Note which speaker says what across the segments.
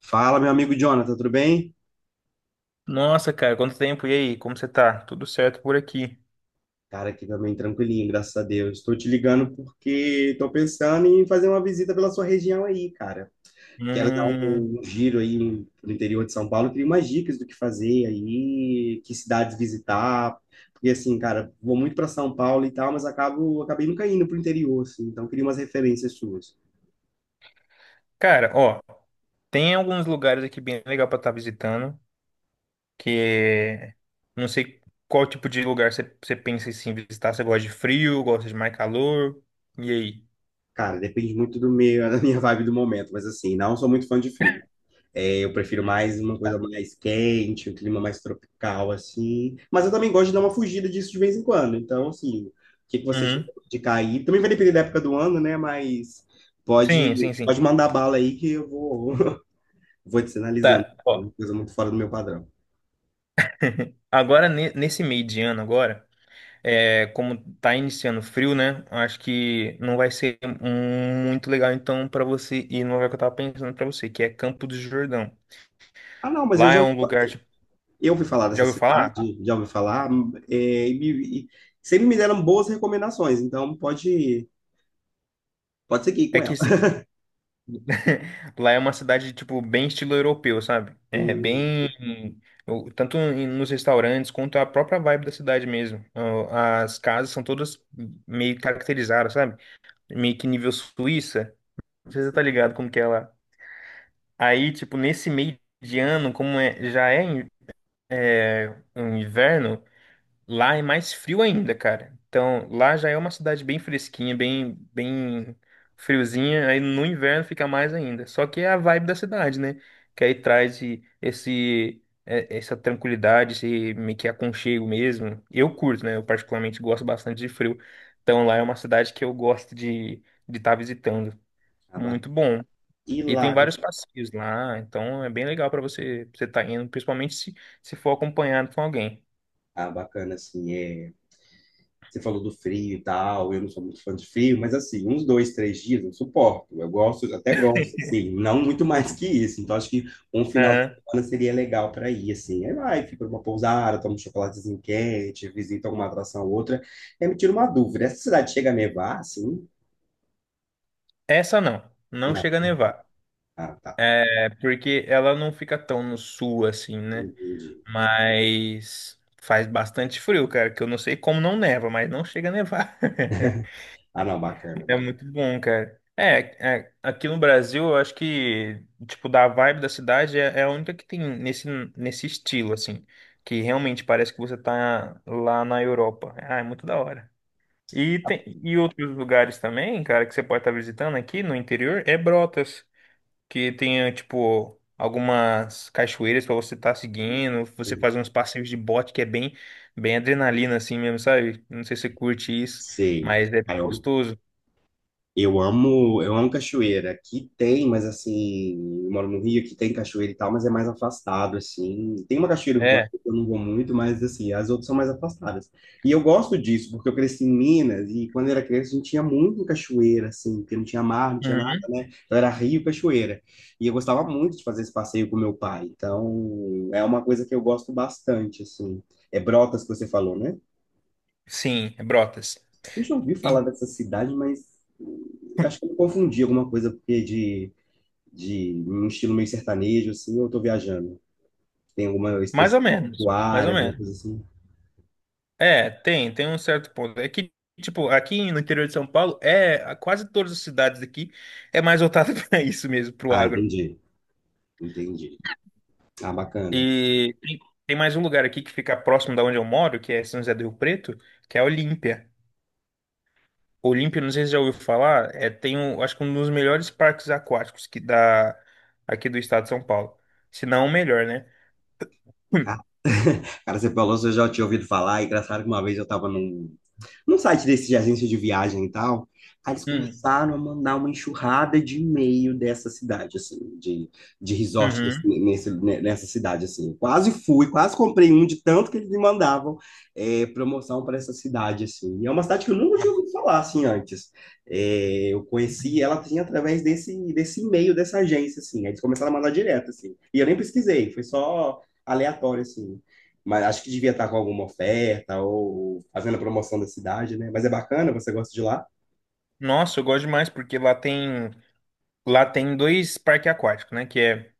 Speaker 1: Fala, meu amigo Jonathan, tudo bem?
Speaker 2: Nossa, cara, quanto tempo? E aí, como você tá? Tudo certo por aqui?
Speaker 1: Cara, aqui também tranquilinho, graças a Deus. Estou te ligando porque estou pensando em fazer uma visita pela sua região aí, cara. Quero dar
Speaker 2: Hum,
Speaker 1: um giro aí no interior de São Paulo, queria umas dicas do que fazer aí, que cidades visitar, porque assim, cara, vou muito para São Paulo e tal, mas acabei nunca indo pro interior, assim, então queria umas referências suas.
Speaker 2: cara, ó, tem alguns lugares aqui bem legal pra estar visitando, que não sei qual tipo de lugar você pensa em sim, visitar. Você gosta de frio, gosta de mais calor? E aí?
Speaker 1: Cara, depende muito do meio, da minha vibe do momento, mas assim, não sou muito fã de frio. É, eu prefiro mais uma coisa mais quente, um clima mais tropical, assim. Mas eu também gosto de dar uma fugida disso de vez em quando. Então, assim, o que que você tiver
Speaker 2: Uhum.
Speaker 1: de cair? Também vai depender da época do ano, né? Mas pode,
Speaker 2: Sim, sim, sim.
Speaker 1: pode mandar bala aí que eu vou, vou te sinalizando.
Speaker 2: Tá,
Speaker 1: É uma
Speaker 2: ó,
Speaker 1: coisa muito fora do meu padrão.
Speaker 2: agora nesse meio de ano agora, é, como tá iniciando frio, né? Acho que não vai ser muito legal então pra você ir no lugar que eu tava pensando pra você, que é Campo do Jordão.
Speaker 1: Ah, não, mas
Speaker 2: Lá é um lugar, tipo,
Speaker 1: eu ouvi falar
Speaker 2: já
Speaker 1: dessa
Speaker 2: ouviu falar?
Speaker 1: cidade, já ouvi falar, e sempre me deram boas recomendações, então pode seguir
Speaker 2: É
Speaker 1: com
Speaker 2: que
Speaker 1: ela.
Speaker 2: se- lá é uma cidade, tipo, bem estilo europeu, sabe? É
Speaker 1: Hum,
Speaker 2: bem. Tanto nos restaurantes quanto a própria vibe da cidade mesmo. Ó, as casas são todas meio caracterizadas, sabe? Meio que nível Suíça. Não sei se você tá
Speaker 1: sim.
Speaker 2: ligado como que é lá. Aí, tipo, nesse meio de ano, como é, já é, é um inverno, lá é mais frio ainda, cara. Então, lá já é uma cidade bem fresquinha, bem, bem friozinha. Aí no inverno fica mais ainda. Só que é a vibe da cidade, né? Que aí traz esse, essa tranquilidade, esse meio que aconchego mesmo. Eu curto, né? Eu particularmente gosto bastante de frio. Então, lá é uma cidade que eu gosto de estar visitando.
Speaker 1: Ah, ba-
Speaker 2: Muito bom.
Speaker 1: E
Speaker 2: E tem
Speaker 1: lá,
Speaker 2: vários
Speaker 1: deixa-
Speaker 2: passeios lá. Então, é bem legal para você estar indo, principalmente se, se for acompanhado com alguém.
Speaker 1: bacana, assim, é. Você falou do frio e tal, eu não sou muito fã de frio, mas assim, uns dois, três dias eu suporto. Eu gosto, até gosto, assim, não muito mais que isso. Então, acho que um final de semana seria legal para ir, assim. Aí vai, fica numa pousada, toma um chocolatezinho quente, visita alguma atração ou outra. Aí me tira uma dúvida: essa cidade chega a nevar, assim?
Speaker 2: Essa não, não
Speaker 1: Não.
Speaker 2: chega a nevar.
Speaker 1: Ah, tá.
Speaker 2: É porque ela não fica tão no sul assim, né?
Speaker 1: Entendi.
Speaker 2: Mas faz bastante frio, cara, que eu não sei como não neva, mas não chega a nevar.
Speaker 1: Ah, não, bacana.
Speaker 2: É
Speaker 1: Bacana.
Speaker 2: muito bom, cara. É, é, aqui no Brasil, eu acho que, tipo, da vibe da cidade é, é a única que tem nesse, nesse estilo, assim, que realmente parece que você tá lá na Europa. Ah, é muito da hora. E, tem, e outros lugares também, cara, que você pode estar visitando aqui no interior é Brotas. Que tenha, tipo, algumas cachoeiras pra você estar seguindo, você fazer uns passeios de bote que é bem, bem adrenalina assim mesmo, sabe? Não sei se você curte isso,
Speaker 1: Sei.
Speaker 2: mas é bem gostoso.
Speaker 1: Eu amo cachoeira. Aqui tem, mas assim, eu moro no Rio, aqui tem cachoeira e tal, mas é mais afastado, assim. Tem uma cachoeira urbana
Speaker 2: É.
Speaker 1: que eu não vou muito, mas assim, as outras são mais afastadas. E eu gosto disso, porque eu cresci em Minas e quando eu era criança a gente tinha muito cachoeira, assim, porque não tinha mar, não tinha nada,
Speaker 2: Uhum.
Speaker 1: né? Então era rio, cachoeira. E eu gostava muito de fazer esse passeio com meu pai. Então, é uma coisa que eu gosto bastante, assim. É Brotas que você falou, né?
Speaker 2: Sim, é Brotas.
Speaker 1: Eu já ouvi falar
Speaker 2: E
Speaker 1: dessa cidade, mas acho que eu confundi alguma coisa porque de um estilo meio sertanejo, assim, eu tô viajando. Tem alguma
Speaker 2: mais
Speaker 1: exposição
Speaker 2: ou menos, mais
Speaker 1: área,
Speaker 2: ou
Speaker 1: alguma
Speaker 2: menos.
Speaker 1: coisa assim.
Speaker 2: É, tem, tem um certo ponto. É que, tipo, aqui no interior de São Paulo, é, a quase todas as cidades aqui é mais voltada para isso mesmo, pro
Speaker 1: Ah,
Speaker 2: agro.
Speaker 1: entendi. Entendi. Ah, bacana.
Speaker 2: E tem mais um lugar aqui que fica próximo da onde eu moro, que é São José do Rio Preto, que é Olímpia. Olímpia, não sei se você já ouviu falar, é, tem um, acho que um dos melhores parques aquáticos que dá aqui do estado de São Paulo. Se não o melhor, né?
Speaker 1: Ah, cara, você falou, se eu já tinha ouvido falar. E engraçado que uma vez eu estava num site desse de agência de viagem e tal. Aí eles
Speaker 2: Hum. Hum.
Speaker 1: começaram a mandar uma enxurrada de e-mail dessa cidade, assim, de resort nesse,
Speaker 2: Uhum.
Speaker 1: nesse- ne- nessa cidade, assim. Eu quase fui, quase comprei um de tanto que eles me mandavam promoção para essa cidade, assim. E é uma cidade que eu nunca tinha ouvido falar, assim, antes. É, eu conheci ela, assim, através desse e-mail dessa agência, assim. Aí eles começaram a mandar direto, assim. E eu nem pesquisei, foi só aleatório, assim mas acho que devia estar com alguma oferta ou fazendo a promoção da cidade, né? Mas é bacana, você gosta de lá?
Speaker 2: Nossa, eu gosto demais porque lá tem dois parques aquáticos, né? Que é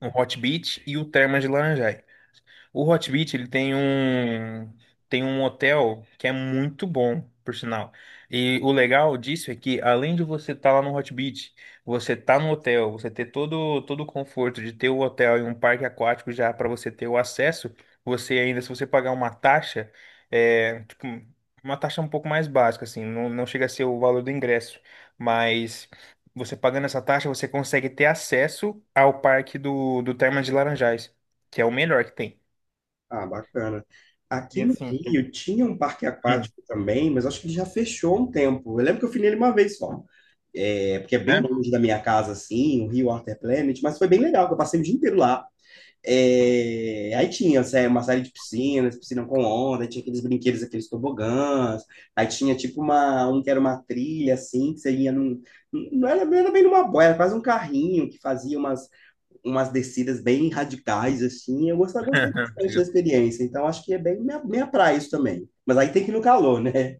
Speaker 2: o Hot Beach e o Termas de Laranjais. O Hot Beach, ele tem tem um hotel que é muito bom, por sinal. E o legal disso é que além de você estar lá no Hot Beach, você tá no hotel, você ter todo o conforto de ter o hotel e um parque aquático já para você ter o acesso, você ainda se você pagar uma taxa, é, tipo, uma taxa um pouco mais básica assim, não, não chega a ser o valor do ingresso, mas você pagando essa taxa, você consegue ter acesso ao parque do Termas de Laranjais, que é o melhor que tem.
Speaker 1: Ah, bacana.
Speaker 2: E
Speaker 1: Aqui no
Speaker 2: assim,
Speaker 1: Rio tinha um parque
Speaker 2: hum,
Speaker 1: aquático também, mas acho que ele já fechou um tempo. Eu lembro que eu fui nele uma vez só. É, porque é bem
Speaker 2: né?
Speaker 1: longe da minha casa, assim, o Rio Water Planet, mas foi bem legal, que eu passei o dia inteiro lá. É, aí tinha uma série de piscinas, piscina com onda, aí tinha aqueles brinquedos, aqueles tobogãs, aí tinha tipo um que era uma trilha assim, que você ia num, não era bem numa boia, era quase um carrinho que fazia umas descidas bem radicais assim, eu gostei, gostei bastante da
Speaker 2: Obrigado.
Speaker 1: experiência, então acho que é bem minha praia isso também, mas aí tem que ir no calor, né?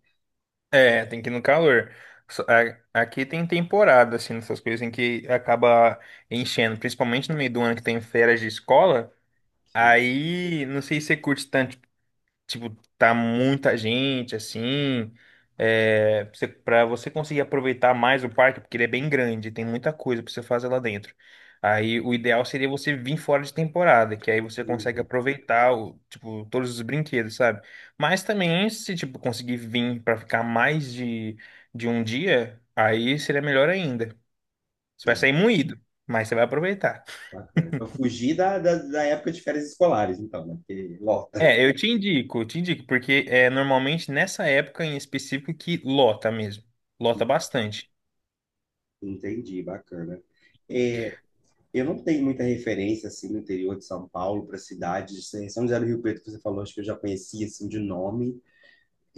Speaker 2: É, tem que ir no calor. Aqui tem temporada, assim, nessas coisas em que acaba enchendo, principalmente no meio do ano que tem férias de escola. Aí, não sei se você curte tanto, tipo, tá muita gente, assim, é, você, pra você conseguir aproveitar mais o parque, porque ele é bem grande, tem muita coisa pra você fazer lá dentro. Aí o ideal seria você vir fora de temporada, que aí você consegue
Speaker 1: Uhum.
Speaker 2: aproveitar o, tipo, todos os brinquedos, sabe? Mas também, se tipo, conseguir vir pra ficar mais de um dia, aí seria melhor ainda. Você vai
Speaker 1: É,
Speaker 2: sair moído, mas você vai aproveitar.
Speaker 1: bacana. Para fugir da época de férias escolares, então, né? Porque lota.
Speaker 2: É, eu te indico, porque é normalmente nessa época em específico que lota mesmo. Lota bastante.
Speaker 1: Entendi, bacana. É, eu não tenho muita referência assim no interior de São Paulo para cidades. São José do Rio Preto que você falou, acho que eu já conhecia assim de nome.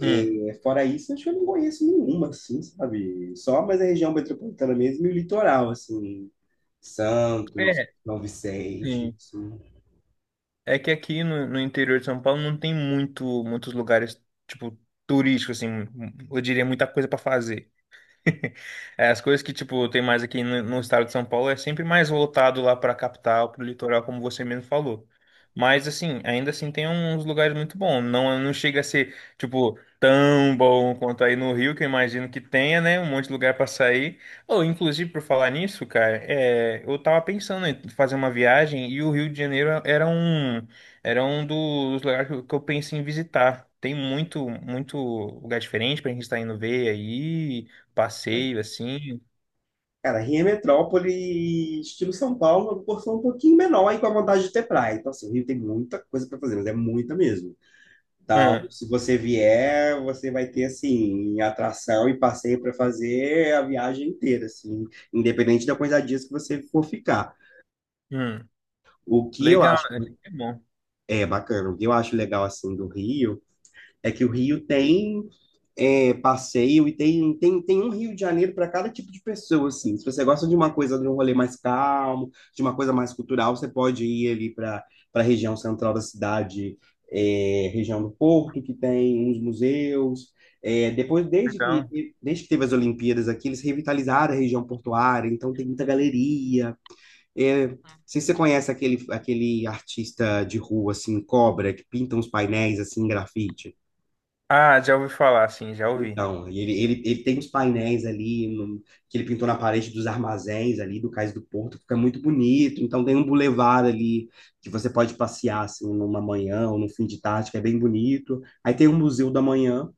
Speaker 2: Hum.
Speaker 1: fora isso, acho que eu não conheço nenhuma assim, sabe? Só mais a região metropolitana mesmo e o litoral assim, Santos,
Speaker 2: É,
Speaker 1: São Vicente,
Speaker 2: sim.
Speaker 1: assim.
Speaker 2: É que aqui no interior de São Paulo não tem muito, muitos lugares, tipo, turísticos, assim, eu diria muita coisa pra fazer. É, as coisas que, tipo, tem mais aqui no estado de São Paulo é sempre mais voltado lá para a capital, para o litoral, como você mesmo falou. Mas, assim, ainda assim tem uns lugares muito bons. Não, não chega a ser, tipo, tão bom quanto aí no Rio, que eu imagino que tenha, né? Um monte de lugar para sair. Ou, inclusive, por falar nisso, cara, é, eu tava pensando em fazer uma viagem e o Rio de Janeiro era um dos lugares que eu pensei em visitar. Tem muito, muito lugar diferente pra gente estar indo ver aí passeio assim.
Speaker 1: Cara, Rio é metrópole, estilo São Paulo, uma porção um pouquinho menor e com a vontade de ter praia. Então, assim, o Rio tem muita coisa para fazer, mas é muita mesmo. Então,
Speaker 2: Hum,
Speaker 1: se você vier, você vai ter assim atração e passeio para fazer a viagem inteira, assim, independente da quantidade de dias que você for ficar.
Speaker 2: hum.
Speaker 1: O que eu
Speaker 2: Legal,
Speaker 1: acho
Speaker 2: né? É bom,
Speaker 1: é bacana, o que eu acho legal assim do Rio é que o Rio tem passeio e tem um Rio de Janeiro para cada tipo de pessoa, assim. Se você gosta de uma coisa, de um rolê mais calmo, de uma coisa mais cultural, você pode ir ali para a região central da cidade, é, região do Porto, que tem uns museus. É, depois,
Speaker 2: legal.
Speaker 1: desde que teve as Olimpíadas aqui, eles revitalizaram a região portuária, então tem muita galeria. É, não sei se você conhece aquele artista de rua, assim, Cobra, que pinta uns painéis, assim, em grafite.
Speaker 2: Ah, já ouvi falar, sim, já ouvi.
Speaker 1: Então, e ele tem uns painéis ali que ele pintou na parede dos armazéns ali do Cais do Porto, que fica muito bonito. Então tem um bulevar ali que você pode passear assim numa manhã ou num fim de tarde, que é bem bonito. Aí tem o Museu da Manhã,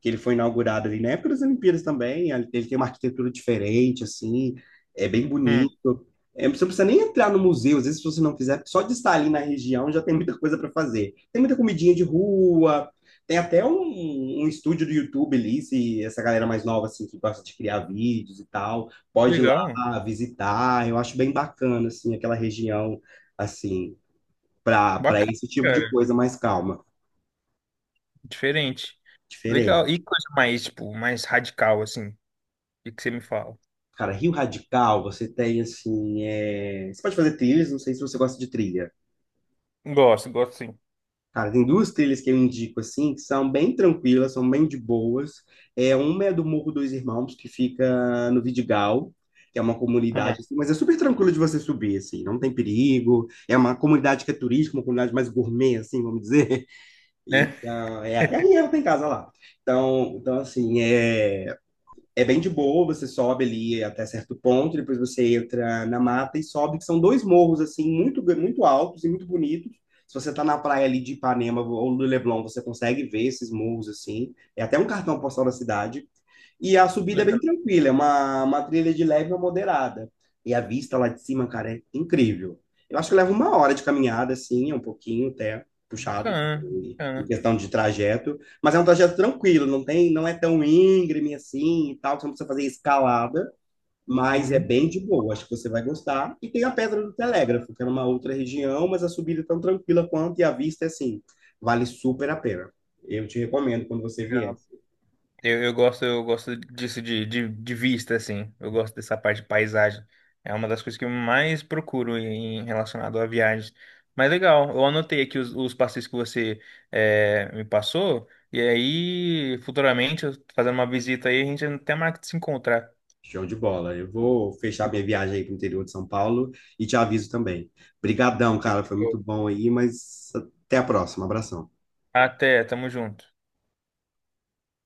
Speaker 1: que ele foi inaugurado ali na época das Olimpíadas também. Ele tem uma arquitetura diferente assim, é bem
Speaker 2: Hum,
Speaker 1: bonito. É, você não precisa nem entrar no museu, às vezes se você não quiser, só de estar ali na região já tem muita coisa para fazer. Tem muita comidinha de rua, tem até um estúdio do YouTube ali, se essa galera mais nova, assim, que gosta de criar vídeos e tal, pode ir lá
Speaker 2: legal,
Speaker 1: visitar. Eu acho bem bacana, assim, aquela região, assim, para
Speaker 2: bacana,
Speaker 1: esse tipo de
Speaker 2: cara,
Speaker 1: coisa mais calma,
Speaker 2: diferente. Legal,
Speaker 1: diferente.
Speaker 2: e coisa mais, tipo, mais radical, assim, o que você me fala?
Speaker 1: Cara, Rio Radical, você tem, assim, você pode fazer trilhas, não sei se você gosta de trilha.
Speaker 2: Gosto, gosto sim.
Speaker 1: Cara, tem duas trilhas que eu indico assim, que são bem tranquilas, são bem de boas. É, uma é do Morro dos Irmãos, que fica no Vidigal, que é uma
Speaker 2: Hum,
Speaker 1: comunidade assim, mas é super tranquilo de você subir assim, não tem perigo. É uma comunidade que é turística, uma comunidade mais gourmet assim, vamos dizer.
Speaker 2: né?
Speaker 1: Então, é até a minha tem casa lá. Então, assim, é bem de boa, você sobe ali até certo ponto, depois você entra na mata e sobe, que são dois morros, assim, muito, muito altos e muito bonitos. Se você tá na praia ali de Ipanema ou do Leblon, você consegue ver esses morros, assim. É até um cartão postal da cidade. E a subida é bem
Speaker 2: Legal,
Speaker 1: tranquila, é uma trilha de leve a moderada. E a vista lá de cima, cara, é incrível. Eu acho que leva uma hora de caminhada, assim, um pouquinho até puxado, tá,
Speaker 2: bacana,
Speaker 1: em
Speaker 2: bacana.
Speaker 1: questão de trajeto. Mas é um trajeto tranquilo, não tem, não é tão íngreme assim e tal, você não precisa fazer escalada, mas é
Speaker 2: Muito
Speaker 1: bem de boa, acho que você vai gostar. E tem a Pedra do Telégrafo, que é numa outra região, mas a subida é tão tranquila quanto e a vista é assim, vale super a pena. Eu te recomendo quando você vier.
Speaker 2: legal. Eu gosto, eu gosto disso de vista, assim. Eu gosto dessa parte de paisagem. É uma das coisas que eu mais procuro em relacionado a viagens. Mas legal, eu anotei aqui os passeios que você eh, me passou. E aí, futuramente, eu fazendo uma visita aí, a gente até marca de se encontrar.
Speaker 1: Show de bola. Eu vou fechar minha viagem aí pro interior de São Paulo e te aviso também. Brigadão, cara, foi muito bom aí, mas até a próxima. Abração.
Speaker 2: Até, tamo junto.